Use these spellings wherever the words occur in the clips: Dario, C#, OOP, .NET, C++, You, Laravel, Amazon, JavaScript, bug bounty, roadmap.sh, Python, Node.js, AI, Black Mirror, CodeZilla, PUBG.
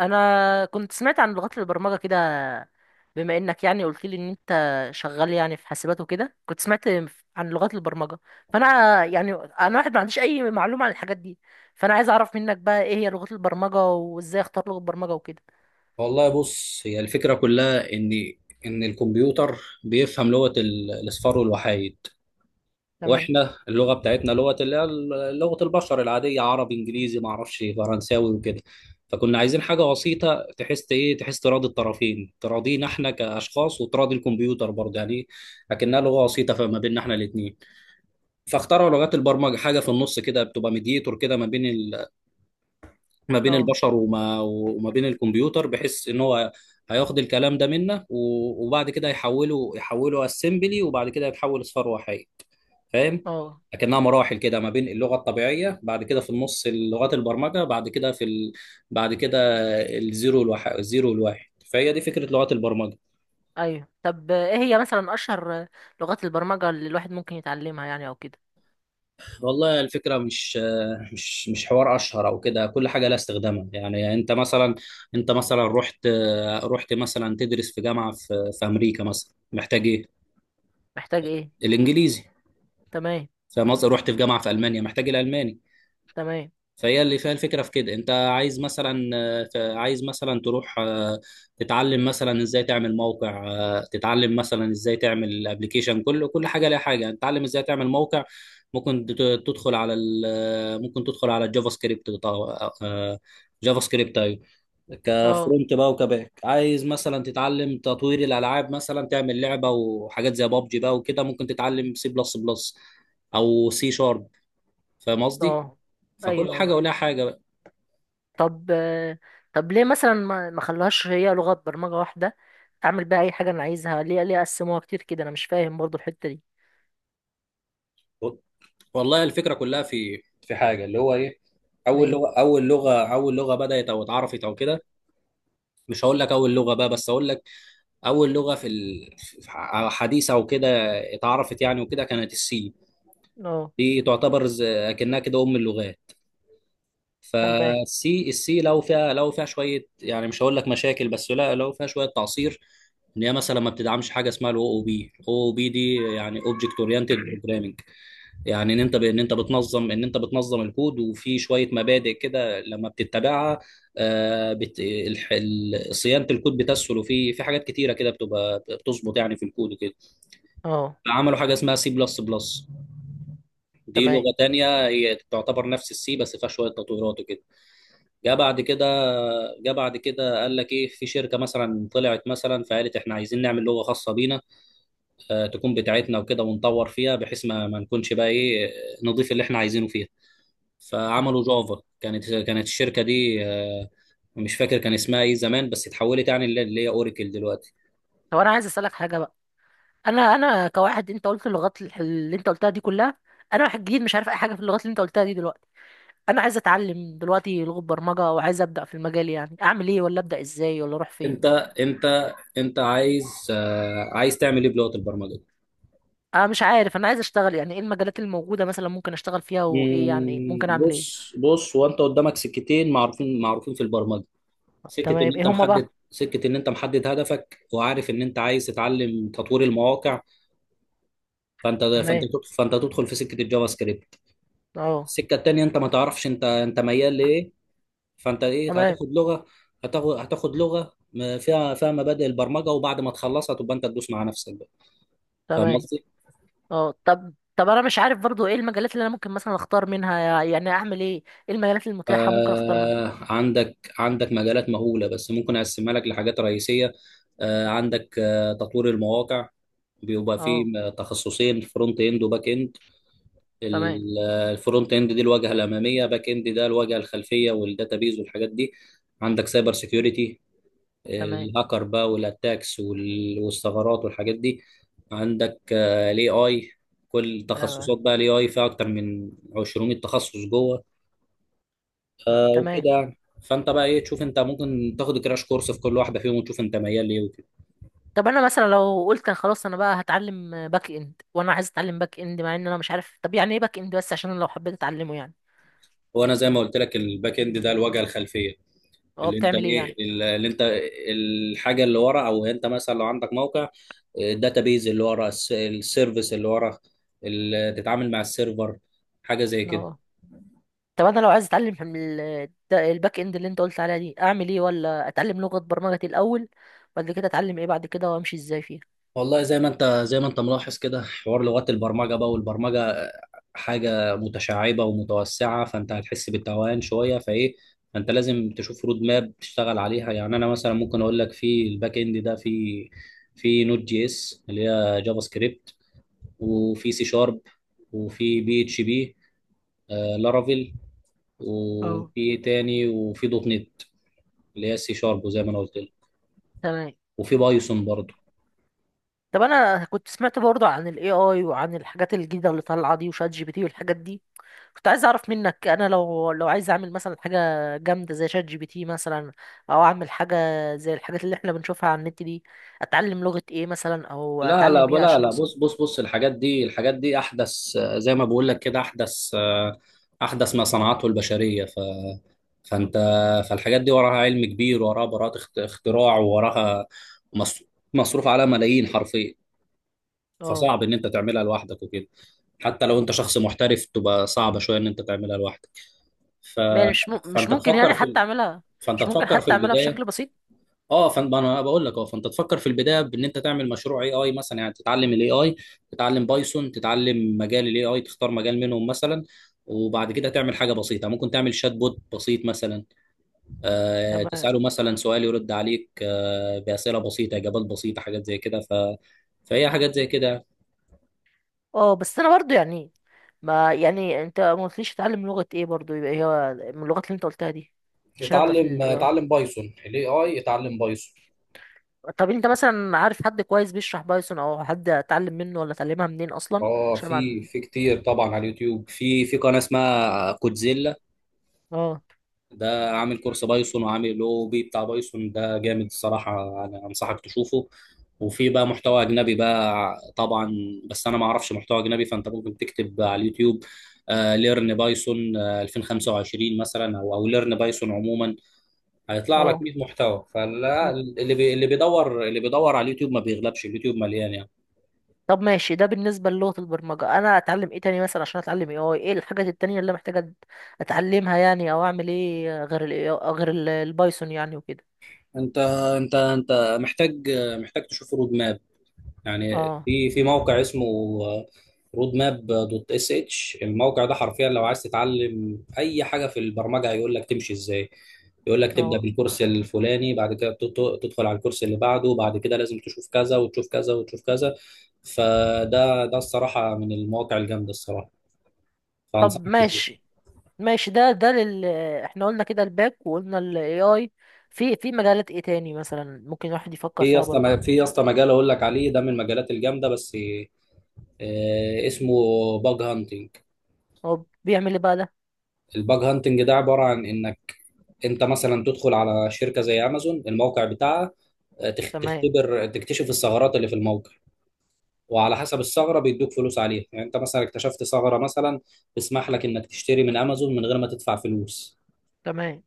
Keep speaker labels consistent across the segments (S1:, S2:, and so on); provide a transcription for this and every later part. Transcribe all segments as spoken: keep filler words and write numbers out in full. S1: انا كنت سمعت عن لغات البرمجه كده. بما انك يعني قلت لي ان انت شغال يعني في حاسبات وكده، كنت سمعت عن لغات البرمجه. فانا يعني انا واحد ما عنديش اي معلومه عن الحاجات دي. فانا عايز اعرف منك بقى ايه هي لغات البرمجه وازاي اختار لغه برمجه وكده.
S2: والله بص، هي الفكرة كلها إن إن الكمبيوتر بيفهم لغة ال- الأصفار والوحايد.
S1: تمام.
S2: وإحنا اللغة بتاعتنا لغة اللي هي ال- لغة البشر العادية، عربي إنجليزي معرفش فرنساوي وكده. فكنا عايزين حاجة بسيطة تحس إيه تحس تراضي الطرفين، تراضينا إحنا كأشخاص وتراضي الكمبيوتر برضه يعني. لكنها لغة وسيطة فما بيننا إحنا الاتنين. فاخترعوا لغات البرمجة، حاجة في النص كده بتبقى ميديتور كده ما بين ما بين
S1: اه.
S2: البشر وما وما بين الكمبيوتر، بحيث ان هو هياخد الكلام ده منا و- وبعد كده يحوله يحوله اسمبلي، وبعد كده يتحول لصفر وحي. فاهم؟
S1: اه.
S2: لكنها مراحل كده، ما بين اللغه الطبيعيه، بعد كده في النص لغات البرمجه، بعد كده في ال... بعد كده الزيرو والواحد الزيرو والواحد فهي دي فكره لغات البرمجه.
S1: ايوه. طب ايه هي مثلا اشهر لغات البرمجه اللي الواحد ممكن يتعلمها يعني او كده؟
S2: والله الفكرة مش مش مش حوار أشهر أو كده، كل حاجة لها استخدامها. يعني أنت مثلا، أنت مثلا رحت رحت مثلا تدرس في جامعة في, في أمريكا مثلا، محتاج إيه؟
S1: محتاج ايه؟
S2: الإنجليزي.
S1: تمام.
S2: فمثلا رحت في جامعة في ألمانيا، محتاج الألماني.
S1: تمام.
S2: فهي اللي فيها الفكرة في كده. انت عايز مثلا، آه، ت- عايز مثلا تروح، آه، تتعلم مثلا ازاي تعمل موقع، آه، تتعلم مثلا ازاي تعمل ابلكيشن. كل كل حاجة ليها حاجة. تتعلم ازاي تعمل موقع ممكن تت- تدخل على ال- ممكن تدخل على الجافا سكريبت بتاع- آه، جافا سكريبت، ايوه،
S1: اه.
S2: كفرونت بقى وكباك. عايز مثلا تتعلم تطوير الالعاب، مثلا تعمل لعبه وحاجات زي بابجي بقى وكده، ممكن تتعلم سي بلس بلس او سي شارب. فاهم قصدي؟
S1: اه.
S2: فكل
S1: ايوه. ايوه.
S2: حاجه ولها حاجه.
S1: طب طب ليه مثلا ما ما خلوهاش هي لغة برمجة واحدة اعمل بيها اي حاجة انا عايزها؟ ليه ليه قسموها كتير كده؟ انا مش فاهم برضو الحتة دي.
S2: والله الفكره كلها في في حاجه، اللي هو ايه، اول
S1: ليه؟
S2: لغه اول لغه اول لغه بدات او اتعرفت او كده. مش هقول لك اول لغه بقى، بس هقول لك اول لغه في ال- في- ح- حديثه او كده اتعرفت يعني وكده، كانت السي.
S1: اه.
S2: دي تعتبر ز- اكنها كده ام اللغات.
S1: تمام.
S2: فالسي السي لو فيها، لو فيها شويه، يعني مش هقول لك مشاكل، بس لا، لو فيها شويه تعصير. ان هي مثلا ما بتدعمش حاجه اسمها الاو او بي الاو او بي دي، يعني اوبجكت اورينتد بروجرامنج، يعني ان انت ب... ان انت بتنظم ان انت بتنظم الكود. وفي شويه مبادئ كده لما بتتبعها، آه بت... الح... ال- صيانه الكود بتسهل، وفي في حاجات كتيره كده بتبقى بتظبط يعني في الكود وكده.
S1: اه.
S2: عملوا حاجه اسمها سي بلس بلس، دي
S1: تمام.
S2: لغه تانية، هي تعتبر نفس السي بس فيها شويه تطويرات وكده. جه بعد كده جه بعد كده قال لك ايه، في شركه مثلا طلعت مثلا فقالت احنا عايزين نعمل لغه خاصه بينا، آه، تكون بتاعتنا وكده ونطور فيها، بحيث ما, ما نكونش بقى ايه، نضيف اللي احنا عايزينه فيها.
S1: مم.
S2: فعملوا جافا. كانت كانت الشركه دي، آه، مش فاكر كان اسمها ايه زمان، بس اتحولت يعني اللي اللي هي اوراكل دلوقتي.
S1: طب انا عايز اسالك حاجة بقى. انا انا كواحد، انت قلت اللغات الح- اللي انت قلتها دي كلها، انا واحد جديد مش عارف اي حاجة في اللغات اللي انت قلتها دي دلوقتي. انا عايز اتعلم دلوقتي لغة برمجة وعايز ابدا في المجال، يعني اعمل ايه ولا ابدا ازاي ولا اروح فين؟
S2: انت انت انت عايز، آه، عايز تعمل ايه بلغه البرمجه دي؟
S1: انا مش عارف. انا عايز اشتغل، يعني ايه المجالات الموجودة مثلا ممكن اشتغل فيها وايه يعني ممكن
S2: مم،
S1: اعمل ايه؟
S2: بص، بص هو انت قدامك سكتين معروفين، معروفين في البرمجه. سكه ان
S1: تمام. ايه
S2: انت
S1: هما
S2: محدد،
S1: بقى؟
S2: سكه ان انت محدد هدفك وعارف ان انت عايز تتعلم تطوير المواقع، فانت فانت
S1: تمام.
S2: تدخل، فانت تدخل في سكه الجافا سكريبت.
S1: اه.
S2: السكه التانيه، انت ما تعرفش انت انت ميال لايه، فانت ايه،
S1: تمام.
S2: هتاخد لغه، هتاخد هتاخد لغه م- فيها، فيها مبادئ البرمجه، وبعد ما تخلصها تبقى انت تدوس مع نفسك بقى. فاهم
S1: تمام.
S2: قصدي؟
S1: اه. طب طب انا مش عارف برضو ايه المجالات اللي انا ممكن مثلا اختار منها، يعني اعمل ايه؟ ايه المجالات المتاحة ممكن اختار منها؟
S2: آه، عندك عندك مجالات مهوله، بس ممكن اقسمها لك لحاجات رئيسيه. آه، عندك، آه، تطوير المواقع، بيبقى فيه
S1: اه.
S2: م- تخصصين، فرونت اند وباك اند.
S1: تمام.
S2: ال- آه، الفرونت اند دي الواجهه الاماميه، باك اند ده الواجهه الخلفيه والداتابيز والحاجات دي. عندك سايبر سيكيورتي،
S1: تمام.
S2: الهاكر بقى والاتاكس وال- والثغرات والحاجات دي. عندك الاي اي، كل
S1: تمام.
S2: تخصصات بقى الاي اي فيها اكتر من عشرين تخصص جوه.
S1: آه،
S2: آه،
S1: تمام.
S2: وكده يعني، فانت بقى ايه، تشوف انت ممكن تاخد كراش كورس في كل واحده فيهم وتشوف انت ميال ليه وكده.
S1: طب انا مثلا لو قلت أنا خلاص انا بقى هتعلم باك اند، وانا عايز اتعلم باك اند مع ان انا مش عارف طب يعني ايه باك اند، بس عشان أنا لو حبيت اتعلمه يعني.
S2: وانا زي ما قلت لك، الباك اند ده الواجهه الخلفيه،
S1: اه،
S2: اللي انت
S1: بتعمل ايه
S2: ايه،
S1: يعني؟
S2: اللي انت الحاجه اللي ورا، او انت مثلا لو عندك موقع، الداتابيز اللي ورا، الس- السيرفيس اللي ورا، اللي تتعامل مع السيرفر، حاجه زي كده.
S1: اه، طب انا لو عايز اتعلم من ال- ده- الباك اند اللي انت قلت عليها دي، اعمل ايه؟ ولا اتعلم لغة برمجة الاول، بعد كده اتعلم ايه بعد كده وامشي ازاي فيها؟
S2: والله زي ما انت، زي ما انت ملاحظ كده، حوار لغات البرمجه بقى والبرمجه حاجه متشعبه ومتوسعه، فانت هتحس بالتوهان شويه، فايه، فانت لازم تشوف رود ماب تشتغل عليها. يعني انا مثلا ممكن اقول لك في الباك اند ده في في نوت جي اس اللي هي جافا سكريبت، وفي سي شارب، وفي بي اتش بي، آه، لارافيل،
S1: اه.
S2: وفي ايه تاني، وفي دوت نت اللي هي السي شارب، وزي ما انا قلت لك،
S1: تمام.
S2: وفي بايثون برضه.
S1: طب انا كنت سمعت برضه عن الاي اي وعن الحاجات الجديدة اللي طالعة دي وشات جي بي تي والحاجات دي. كنت عايز اعرف منك، انا لو لو عايز اعمل مثلا حاجة جامدة زي شات جي بي تي مثلا، او اعمل حاجة زي الحاجات اللي احنا بنشوفها على النت دي، اتعلم لغة ايه مثلا او
S2: لا لا
S1: اتعلم ايه
S2: لا
S1: عشان
S2: لا
S1: اوصل؟
S2: بص، بص بص الحاجات دي، الحاجات دي احدث، آه، زي ما بقول لك كده، احدث، آه، احدث ما صنعته البشريه. ف فانت فالحاجات دي وراها علم كبير، وراها براءة اخت- اختراع، وراها مص- مصروف عليها ملايين حرفيا.
S1: اه،
S2: فصعب ان انت تعملها لوحدك وكده، حتى لو انت شخص محترف تبقى صعبه شويه ان انت تعملها لوحدك. ف...
S1: يعني مش م... مش
S2: فانت
S1: ممكن
S2: تفكر
S1: يعني
S2: في
S1: حتى اعملها؟
S2: فانت
S1: مش ممكن
S2: تفكر في
S1: حتى اعملها
S2: البدايه.
S1: بشكل بسيط؟
S2: اه فانا انا بقول لك، اه، فانت تفكر في البدايه بان انت تعمل مشروع اي اي مثلا، يعني تتعلم الاي اي، تتعلم بايثون، تتعلم مجال الاي اي، تختار مجال منهم مثلا، وبعد كده تعمل حاجه بسيطه، ممكن تعمل شات بوت بسيط مثلا. آه،
S1: تمام.
S2: تساله مثلا سؤال يرد عليك، آه، باسئله بسيطه اجابات بسيطه، حاجات زي كده. ف فهي حاجات زي كده.
S1: اه، بس انا برضو يعني، ما يعني انت ما قلتليش تتعلم لغة ايه برضو يبقى هي من اللغات اللي انت قلتها دي عشان ابدأ في
S2: اتعلم
S1: ال إيه آي.
S2: اتعلم بايثون. الاي اي اتعلم بايثون.
S1: طب انت مثلا عارف حد كويس بيشرح بايثون، او حد اتعلم منه ولا اتعلمها منين اصلا؟
S2: اه،
S1: عشان
S2: في
S1: ما.
S2: في كتير طبعا على اليوتيوب، في في قناه اسمها كودزيلا،
S1: اه.
S2: ده عامل كورس بايثون وعامل او بي بتاع بايثون، ده جامد الصراحه، انا انصحك تشوفه. وفي بقى محتوى اجنبي بقى طبعا، بس انا ما اعرفش محتوى اجنبي، فانت ممكن تكتب على اليوتيوب ليرن بايثون الفين وخمسه وعشرين مثلا، او او ليرن بايثون عموما، هيطلع لك
S1: اه.
S2: مية محتوى. فلا،
S1: م-
S2: اللي بي اللي بيدور، اللي بيدور على اليوتيوب ما بيغلبش، اليوتيوب مليان يعني.
S1: طب ماشي. ده بالنسبة للغة البرمجة، انا اتعلم ايه تاني مثلا عشان اتعلم إيه آي؟ ايه الحاجات التانية اللي محتاجة أت- اتعلمها يعني، او اعمل ايه غير ال إيه آي غير ال- البايثون يعني وكده؟
S2: انت انت انت محتاج، محتاج تشوف رود ماب. يعني
S1: اه.
S2: في في موقع اسمه رود ماب دوت اس اتش، الموقع ده حرفيا لو عايز تتعلم اي حاجه في البرمجه هيقول لك تمشي ازاي، يقول لك تبدا
S1: اه.
S2: بالكورس الفلاني، بعد كده تت- تدخل على الكورس اللي بعده، بعد كده لازم تشوف كذا وتشوف كذا وتشوف كذا. فده ده الصراحه من المواقع الجامده الصراحه،
S1: طب
S2: فانصحك تشوف.
S1: ماشي ماشي، ده ده لل احنا قلنا كده الباك، وقلنا ال إيه آي، في في مجالات ايه تاني مثلا ممكن الواحد
S2: في
S1: يفكر
S2: يا
S1: فيها برضه؟
S2: اسطى، في يا اسطى مجال اقول لك عليه ده من المجالات الجامده، بس، آه، اسمه باج هانتنج.
S1: هو بيعمل ايه بقى ده؟
S2: الباج هانتنج ده عباره عن انك انت مثلا تدخل على شركه زي امازون، الموقع بتاعها، آه، تخ-
S1: تمام.
S2: تختبر تكتشف الثغرات اللي في الموقع، وعلى حسب الثغره بيدوك فلوس عليها. يعني انت مثلا اكتشفت ثغره مثلا تسمح لك انك تشتري من امازون من غير ما تدفع فلوس،
S1: تمام.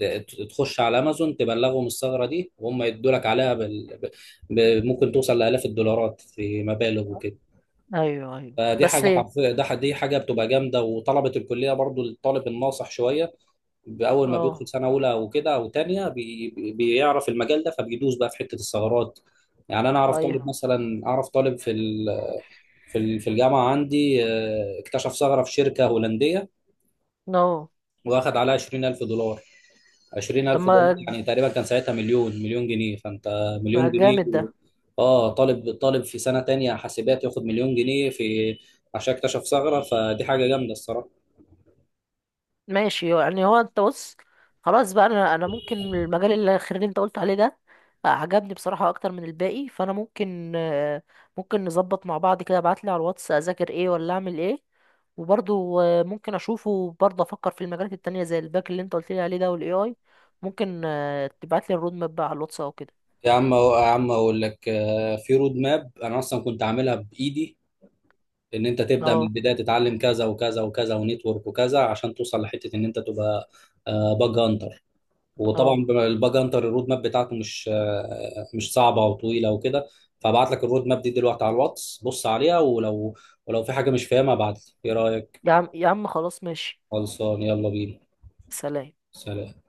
S2: ت- تخش على امازون تبلغهم الثغره دي وهم يدوا لك عليها بال... ب... ب... ممكن توصل لالاف الدولارات في مبالغ وكده.
S1: ايوه. ايوه.
S2: فدي
S1: بس
S2: حاجه
S1: ايه؟
S2: حرفيا، ده ح- دي حاجه بتبقى جامده، وطلبه الكليه برضو الطالب الناصح شويه باول ما بيدخل
S1: اه.
S2: سنه اولى وكده او تانية بي بي- بيعرف المجال ده، فبيدوس بقى في حته الثغرات. يعني انا اعرف طالب
S1: ايوه.
S2: مثلا، اعرف طالب في ال- في ال- في الجامعه عندي، آه، اكتشف ثغره في شركه هولنديه
S1: نو.
S2: واخد عليها عشرين الف دولار.
S1: طب،
S2: عشرين الف دولار
S1: ما
S2: يعني تقريبا كان ساعتها مليون، مليون جنيه، فانت،
S1: ما
S2: مليون جنيه
S1: جامد
S2: و...
S1: ده.
S2: اه، طالب، طالب في سنه تانية حاسبات ياخد مليون جنيه في، عشان اكتشف ثغره، فدي حاجه جامده الصراحه.
S1: ماشي، يعني هو انت بص، خلاص بقى. انا انا ممكن المجال الاخير اللي انت قلت عليه ده عجبني بصراحة اكتر من الباقي. فانا ممكن، آه، ممكن نظبط مع بعض كده. ابعت لي على الواتس اذاكر ايه ولا اعمل ايه. وبرضه آه، ممكن اشوفه برضه، افكر في المجالات التانية زي الباك اللي انت قلت لي عليه ده والاي اي. ممكن آه، تبعت لي الرود ماب بقى على الواتس او كده.
S2: يا عم، يا عم اقول لك، آه، في رود ماب انا اصلا كنت عاملها بايدي، ان انت تبدا من
S1: اه.
S2: البدايه، تتعلم كذا وكذا وكذا ونتورك وكذا عشان توصل لحته ان انت تبقى باج هانتر. وطبعا
S1: اه.
S2: الباج هانتر الرود ماب بتاعته مش، آه، مش صعبه وطويله وكده، فابعت لك الرود ماب دي دلوقتي على الواتس، بص عليها، ولو ولو في حاجه مش فاهمها ابعت لي، ايه رايك؟
S1: يا عم يا عم، خلاص ماشي.
S2: خلصان، يلا بينا.
S1: سلام.
S2: سلام.